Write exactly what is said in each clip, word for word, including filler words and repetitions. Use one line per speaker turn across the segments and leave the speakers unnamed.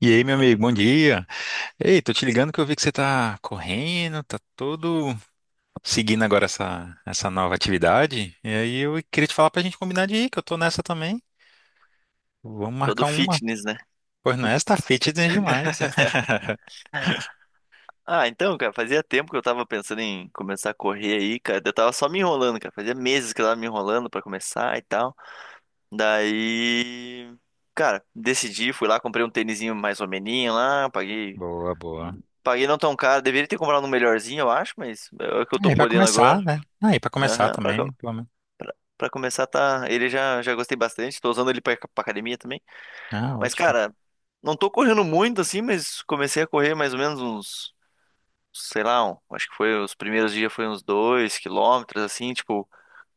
E aí, meu amigo, bom dia. Ei, tô te ligando que eu vi que você tá correndo, tá todo seguindo agora essa, essa nova atividade. E aí eu queria te falar pra gente combinar de ir, que eu tô nessa também. Vamos
Todo
marcar uma.
fitness, né?
Pois não, essa tá fitness demais.
Ah, então, cara, fazia tempo que eu tava pensando em começar a correr aí, cara. Eu tava só me enrolando, cara. Fazia meses que eu tava me enrolando pra começar e tal. Daí, cara, decidi, fui lá, comprei um tênisinho mais ou meninho lá, paguei.
Boa, boa.
Paguei não tão caro. Deveria ter comprado um melhorzinho, eu acho, mas é o que eu tô
Aí vai
podendo
começar,
agora.
né? Aí pra começar
Aham, pra,
também,
co-
pelo menos.
pra, pra começar, tá. Ele já, já gostei bastante. Tô usando ele pra, pra academia também.
Ah,
Mas,
ótimo.
cara, não tô correndo muito assim, mas comecei a correr mais ou menos uns. Sei lá, um- acho que foi os primeiros dias foi uns dois quilômetros, assim, tipo,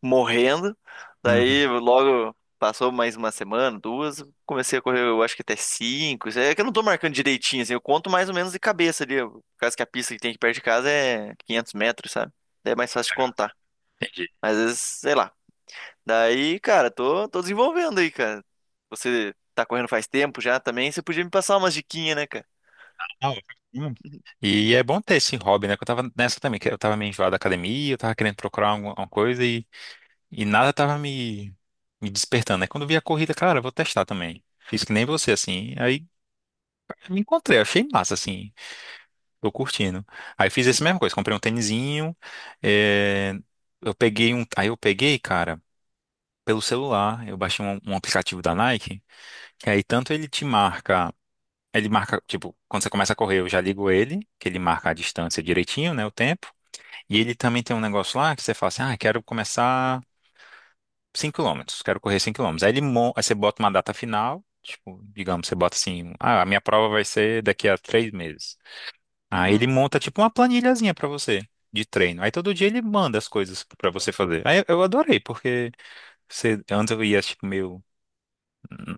morrendo.
Uhum.
Daí logo passou mais uma semana, duas, comecei a correr, eu acho que até cinco. Isso é que eu não tô marcando direitinho, assim, eu conto mais ou menos de cabeça ali. Por causa que a pista que tem aqui perto de casa é quinhentos metros, sabe? Daí é mais fácil de
Legal.
contar.
Entendi.
Mas às vezes, sei lá. Daí, cara, tô, tô desenvolvendo aí, cara. Você tá correndo faz tempo já também, você podia me passar umas diquinhas, né, cara?
Ah, ótimo. E é bom ter esse hobby, né? Que eu tava nessa também, que eu tava meio enjoado da academia, eu tava querendo procurar alguma alguma coisa. E nada tava me, me despertando. Aí quando eu vi a corrida, cara, eu vou testar também. Fiz que nem você, assim. Aí me encontrei, achei massa, assim. Tô curtindo. Aí fiz essa mesma coisa, comprei um tênisinho. eh, Eu peguei um. Aí eu peguei, cara, pelo celular. Eu baixei um, um aplicativo da Nike, que aí tanto ele te marca. Ele marca, tipo, quando você começa a correr, eu já ligo ele, que ele marca a distância direitinho, né, o tempo. E ele também tem um negócio lá que você fala assim, ah, quero começar. cinco quilômetros, quero correr cinco quilômetros. Aí, ele, mon- aí você bota uma data final, tipo, digamos, você bota assim, ah, a minha prova vai ser daqui a três meses. Aí ele
Uhum.
monta tipo uma planilhazinha pra você de treino. Aí todo dia ele manda as coisas pra você fazer. Aí eu adorei, porque você, antes eu ia tipo meio hum,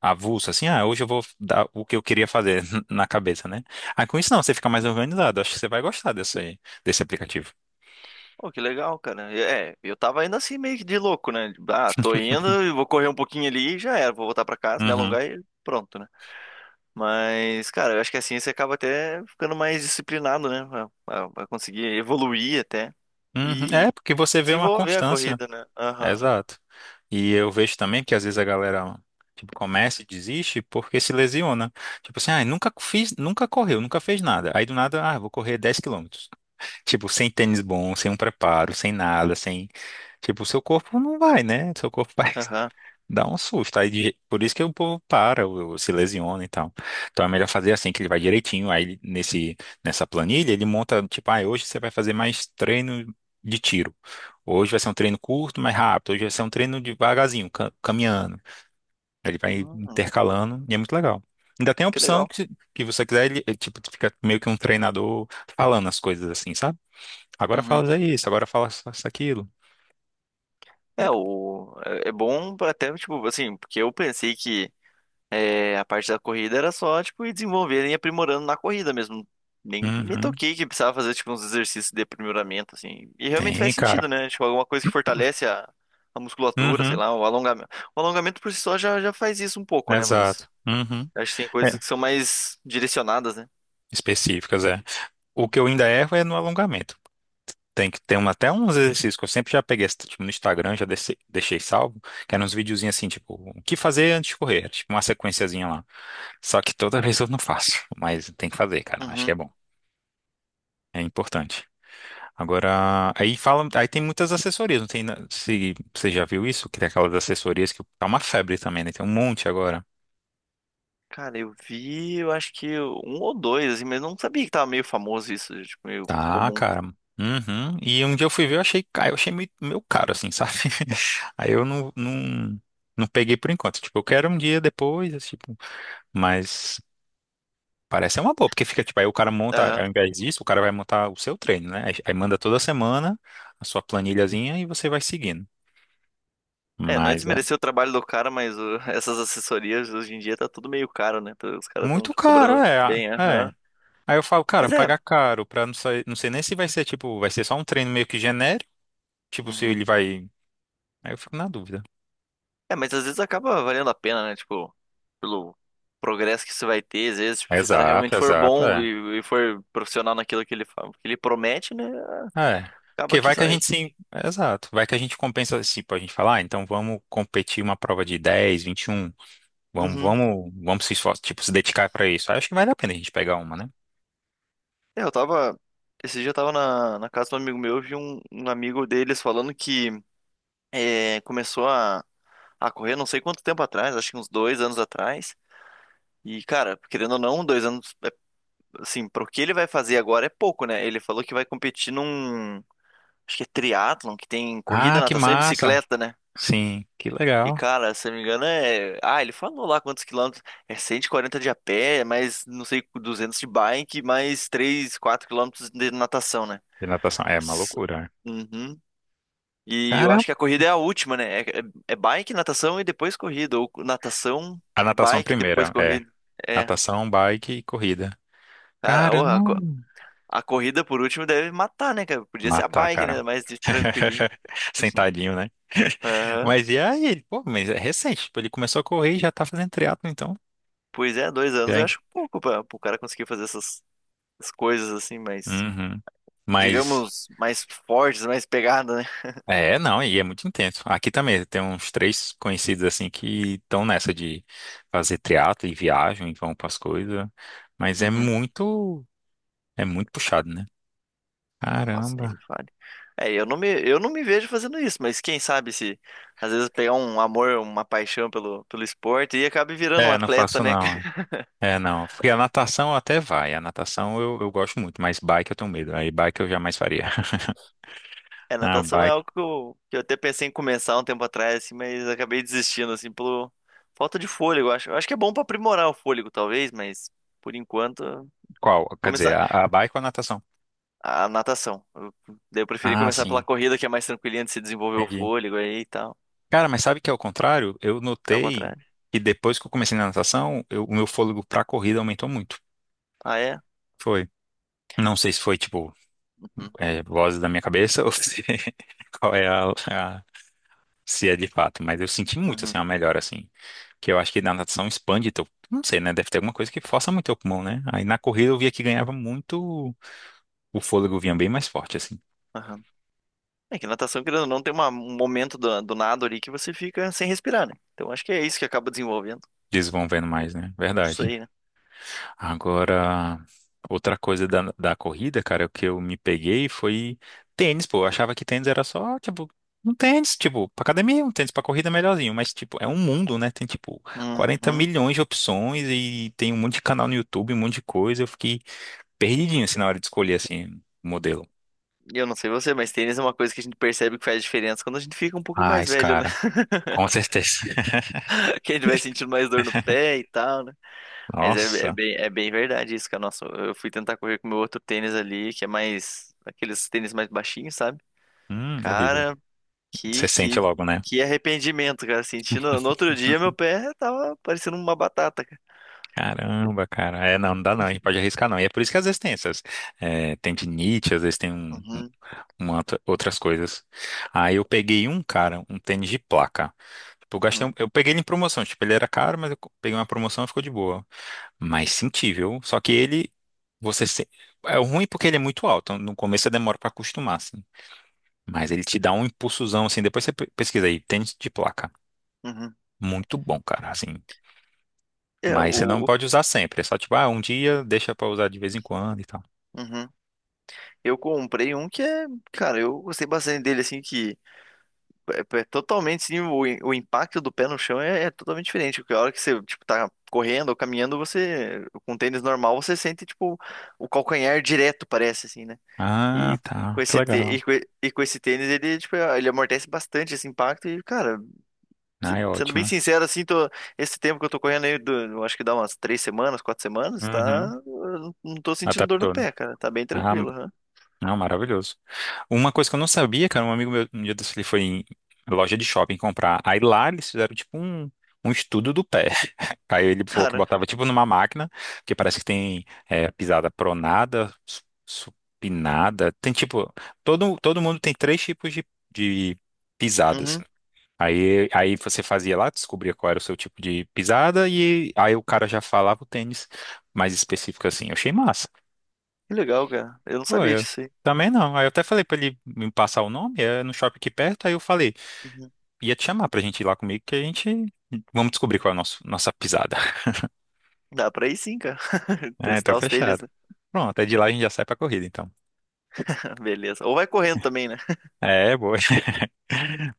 avulso, assim, ah, hoje eu vou dar o que eu queria fazer na cabeça, né? Aí com isso não, você fica mais organizado. Acho que você vai gostar desse desse aplicativo.
Pô, que legal, cara. É, eu tava indo assim meio que de louco, né? Tipo, ah, tô indo, eu vou correr um pouquinho ali e já era, vou voltar pra casa, me
Uhum.
alongar e pronto, né? Mas, cara, eu acho que assim você acaba até ficando mais disciplinado, né? Pra, pra- pra conseguir evoluir até
Uhum.
e
É, porque você vê uma
desenvolver a
constância.
corrida, né?
É,
Aham,
exato. E eu vejo também que às vezes a galera, tipo, começa e desiste porque se lesiona. Tipo assim, ah, nunca fiz, nunca correu, nunca fez nada. Aí do nada, ah, vou correr dez quilômetros. Tipo, sem tênis bom, sem um preparo, sem nada, sem tipo, o seu corpo não vai, né? Seu corpo vai.
aham.
Dá um susto. Aí, de- por isso que o povo para, o- o- se lesiona e tal. Então é melhor fazer assim, que ele vai direitinho. Aí ele- nesse, nessa planilha, ele monta, tipo, ah, hoje você vai fazer mais treino de tiro. Hoje vai ser um treino curto, mais rápido. Hoje vai ser um treino devagarzinho, ca- caminhando. Aí ele vai
Hum,
intercalando e é muito legal. Ainda tem a
que
opção
legal.
que, se- que você quiser, ele, ele, tipo, fica meio que um treinador falando as coisas assim, sabe? Agora
Uhum.
fala isso, agora fala isso, aquilo.
É, o, é é bom pra até, tipo, assim, porque eu pensei que é, a parte da corrida era só, tipo, ir desenvolvendo e aprimorando na corrida mesmo. Nem me
Uhum.
toquei que precisava fazer, tipo, uns exercícios de aprimoramento, assim. E realmente faz
Tem, cara.
sentido, né? Tipo, alguma coisa que fortalece a, a musculatura, sei
Uhum.
lá, o alongamento. O alongamento por si só já, já faz isso um pouco, né? Mas
Exato. Uhum.
acho que tem
É.
coisas que são mais direcionadas, né?
Específicas, é. O
Uhum.
que eu ainda erro é no alongamento. Tem que ter um, até uns exercícios que eu sempre já peguei, tipo, no Instagram, já deixei, deixei salvo, que eram uns videozinhos assim, tipo, o que fazer antes de correr? Era, tipo, uma sequenciazinha lá. Só que toda vez eu não faço, mas tem que fazer, cara. Acho que
Uhum.
é bom. É importante. Agora, aí fala, aí tem muitas assessorias, não tem, na- se você já viu isso, que tem aquelas assessorias que tá uma febre também, né? Tem um monte agora.
Cara, eu vi, eu acho que um ou dois, assim, mas não sabia que tava meio famoso isso, tipo, meio
Tá,
comum.
cara. Uhum. E um dia eu fui ver, eu achei, ca- eu achei meio, meio caro, assim, sabe? Aí eu não, não, não peguei por enquanto. Tipo, eu quero um dia depois, esse tipo, mas parece ser uma boa, porque fica, tipo, aí o cara monta, ao invés disso, o cara vai montar o seu treino, né? Aí, aí manda toda semana a sua planilhazinha e você vai seguindo.
É, não é
Mas é
desmerecer o trabalho do cara, mas o- essas assessorias hoje em dia tá tudo meio caro, né? Então, os caras
muito
estão
caro,
cobrando
é,
bem,
é.
aham.
Aí eu falo, cara,
Mas é.
pagar caro pra não sair, não sei nem se vai ser, tipo, vai ser só um treino meio que genérico, tipo, se
Uhum.
ele vai. Aí eu fico na dúvida.
É, mas às vezes acaba valendo a pena, né? Tipo, pelo progresso que você vai ter, às vezes, tipo, se o cara
Exato,
realmente for bom
exato,
e, e for profissional naquilo que ele, fa- que ele promete, né?
é.
Acaba
Porque
que
vai que a
sai.
gente sim. Exato. Vai que a gente compensa, tipo, a gente falar ah, então vamos competir uma prova de dez vinte e um. Vamos,
Uhum.
vamos, vamos se esforçar, tipo, se dedicar para isso. Aí acho que vale a pena a gente pegar uma, né?
É, eu tava. Esse dia eu tava na, na casa de um amigo meu, eu vi um, um amigo deles falando que é, começou a, a correr não sei quanto tempo atrás, acho que uns dois anos atrás. E, cara, querendo ou não, dois anos, é, assim, pro que ele vai fazer agora é pouco, né? Ele falou que vai competir num, acho que é triatlon, que tem corrida,
Ah, que
natação e
massa!
bicicleta, né?
Sim, que
E,
legal.
cara, se eu não me engano, é... ah, ele falou lá quantos quilômetros. É cento e quarenta de a pé, mais, não sei, duzentos de bike, mais três quatro quilômetros de natação, né?
E natação, é uma
S-
loucura, né?
Uhum. E eu acho que a
Caramba!
corrida é a última, né? É, é é bike, natação e depois corrida. Ou natação,
A natação
bike, depois
primeira, é.
corrida. É.
Natação, bike e corrida.
Cara, orra,
Caramba!
a corrida, por último, deve matar, né, cara? Podia ser a
Matar,
bike, né?
cara.
Mais de tranquilinho.
Sentadinho, né?
Aham.
Mas e aí? Pô, mas é recente. Tipo, ele começou a correr e já tá fazendo triatlo, então.
Pois é, dois anos
Já.
eu acho pouco pra o cara conseguir fazer essas, essas coisas assim, mais,
Uhum. Mas
digamos, mais fortes, mais pegada, né?
é, não, e é muito intenso. Aqui também tem uns três conhecidos assim que estão nessa de fazer triatlo e viajam e vão para as coisas, mas é
Uhum.
muito é muito puxado, né?
Nossa, nem me
Caramba.
fale. É, eu não me, eu não me vejo fazendo isso, mas quem sabe se às vezes pegar um amor, uma paixão pelo, pelo esporte e acabe virando um
É, não
atleta,
faço
né?
não. É, é, não. Porque a natação até vai. A natação eu, eu gosto muito, mas bike eu tenho medo. Aí bike eu jamais faria.
É,
Ah,
natação é
bike.
algo que eu, que eu até pensei em começar um tempo atrás, assim, mas acabei desistindo, assim, pelo falta de fôlego, eu acho. Eu acho que é bom pra aprimorar o fôlego, talvez, mas por enquanto,
Qual? Quer dizer,
começar
a, a bike ou a natação?
a natação. Eu, daí eu preferi
Ah,
começar pela
sim.
corrida, que é mais tranquilinha de se desenvolver o
Entendi.
fôlego aí e tal.
Cara, mas sabe que é o contrário? Eu
É o
notei
contrário.
que depois que eu comecei na natação, eu- o meu fôlego pra corrida aumentou muito.
Ah, é?
Foi. Não sei se foi, tipo,
Uhum,
é, vozes da minha cabeça ou se, qual é a, a- se é de fato, mas eu senti muito,
uhum,
assim, uma melhora, assim. Que eu acho que na natação expande teu, não sei, né? Deve ter alguma coisa que força muito teu pulmão, né? Aí na corrida eu via que ganhava muito, o fôlego vinha bem mais forte, assim.
aham. É que natação, querendo ou não, tem uma- um momento do, do nado ali que você fica sem respirar, né? Então acho que é isso que acaba desenvolvendo.
Desenvolvendo mais, né?
Não
Verdade.
sei, né?
Agora, outra coisa da, da corrida, cara, o que eu me peguei foi tênis, pô. Eu achava que tênis era só, tipo, um tênis, tipo, pra academia, um tênis pra corrida é melhorzinho. Mas, tipo, é um mundo, né? Tem, tipo, quarenta
Uhum.
milhões de opções e tem um monte de canal no YouTube, um monte de coisa. Eu fiquei perdidinho, assim, na hora de escolher, assim, o modelo.
Eu não sei você, mas tênis é uma coisa que a gente percebe que faz diferença quando a gente fica um pouco mais
Mas,
velho, né?
cara, com certeza.
Que a gente vai sentindo mais dor no pé e tal, né? Mas é, é
Nossa,
bem, é bem verdade isso, cara. Nossa, eu fui tentar correr com o meu outro tênis ali, que é mais... Aqueles tênis mais baixinhos, sabe?
hum, horrível.
Cara,
Você
que,
sente
que,
logo, né?
que arrependimento, cara. Senti no, no outro dia meu pé tava parecendo uma batata, cara.
Caramba, cara. É, não, não dá não. A gente pode arriscar não. E é por isso que às vezes tem essas. É, tem tendinite, às vezes tem um, um-
Uhum,
uma outra- outras coisas. Aí eu peguei um, cara, um tênis de placa. Tipo, eu gastei
uhum,
um- eu peguei ele em promoção. Tipo, ele era caro, mas eu co- peguei uma promoção e ficou de boa. Mas senti, viu? Só que ele, você se... é o ruim porque ele é muito alto. No começo você demora pra acostumar, assim. Mas ele te dá um impulsozão, assim. Depois você pe- pesquisa aí, tênis de placa.
uhum.
Muito bom, cara, assim.
É,
Mas você não
o... o-
pode usar sempre. É só tipo, ah, um dia deixa pra usar de vez em quando e tal.
uhum. Eu comprei um que é... Cara, eu gostei bastante dele, assim, que... É, é totalmente sim, o, o impacto do pé no chão é, é totalmente diferente. Porque a hora que você, tipo, tá correndo ou caminhando, você, com um tênis normal, você sente, tipo, o calcanhar direto, parece, assim, né? E
Ah,
com
tá. Que
esse, tê- e
legal.
com, e- e com esse tênis, ele, tipo, é, ele amortece bastante esse impacto. E, cara,
Ah,
se-
é
sendo bem
ótimo.
sincero, assim, tô, esse tempo que eu tô correndo aí, do, eu acho que dá umas três semanas, quatro semanas, tá?
Uhum.
Eu não não tô sentindo dor no
Adaptou, né?
pé, cara. Tá bem
Ah,
tranquilo, né?
não, maravilhoso. Uma coisa que eu não sabia, cara, um amigo meu, um dia desse, ele foi em loja de shopping comprar. Aí lá eles fizeram tipo um, um estudo do pé. Aí ele falou que
Cara,
botava tipo numa máquina, que parece que tem é, pisada pronada, su- supinada. Tem tipo, todo, todo mundo tem três tipos de, de pisadas.
uhum,
Aí, aí você fazia lá, descobria qual era o seu tipo de pisada, e aí o cara já falava o tênis mais específico assim. Eu achei massa.
que legal, cara. Eu não
Pô,
sabia
eu
disso aí.
também não. Aí eu até falei pra ele me passar o nome, é no shopping aqui perto, aí eu falei,
Uhum.
ia te chamar pra gente ir lá comigo, que a gente vamos descobrir qual é a nossa, nossa pisada.
Dá pra ir sim, cara.
É, então
Testar os tênis,
fechado.
né?
Pronto, é de lá a gente já sai pra corrida, então.
Beleza. Ou vai correndo também, né?
É, boa.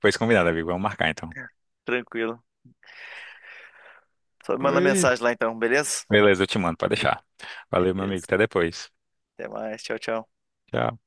Pois combinado, amigo. Vamos marcar, então.
Tranquilo. Só me manda
Oi.
mensagem lá então, beleza?
Beleza, eu te mando, pode deixar. Valeu, meu amigo.
Beleza.
Até depois.
Até mais. Tchau, tchau.
Tchau.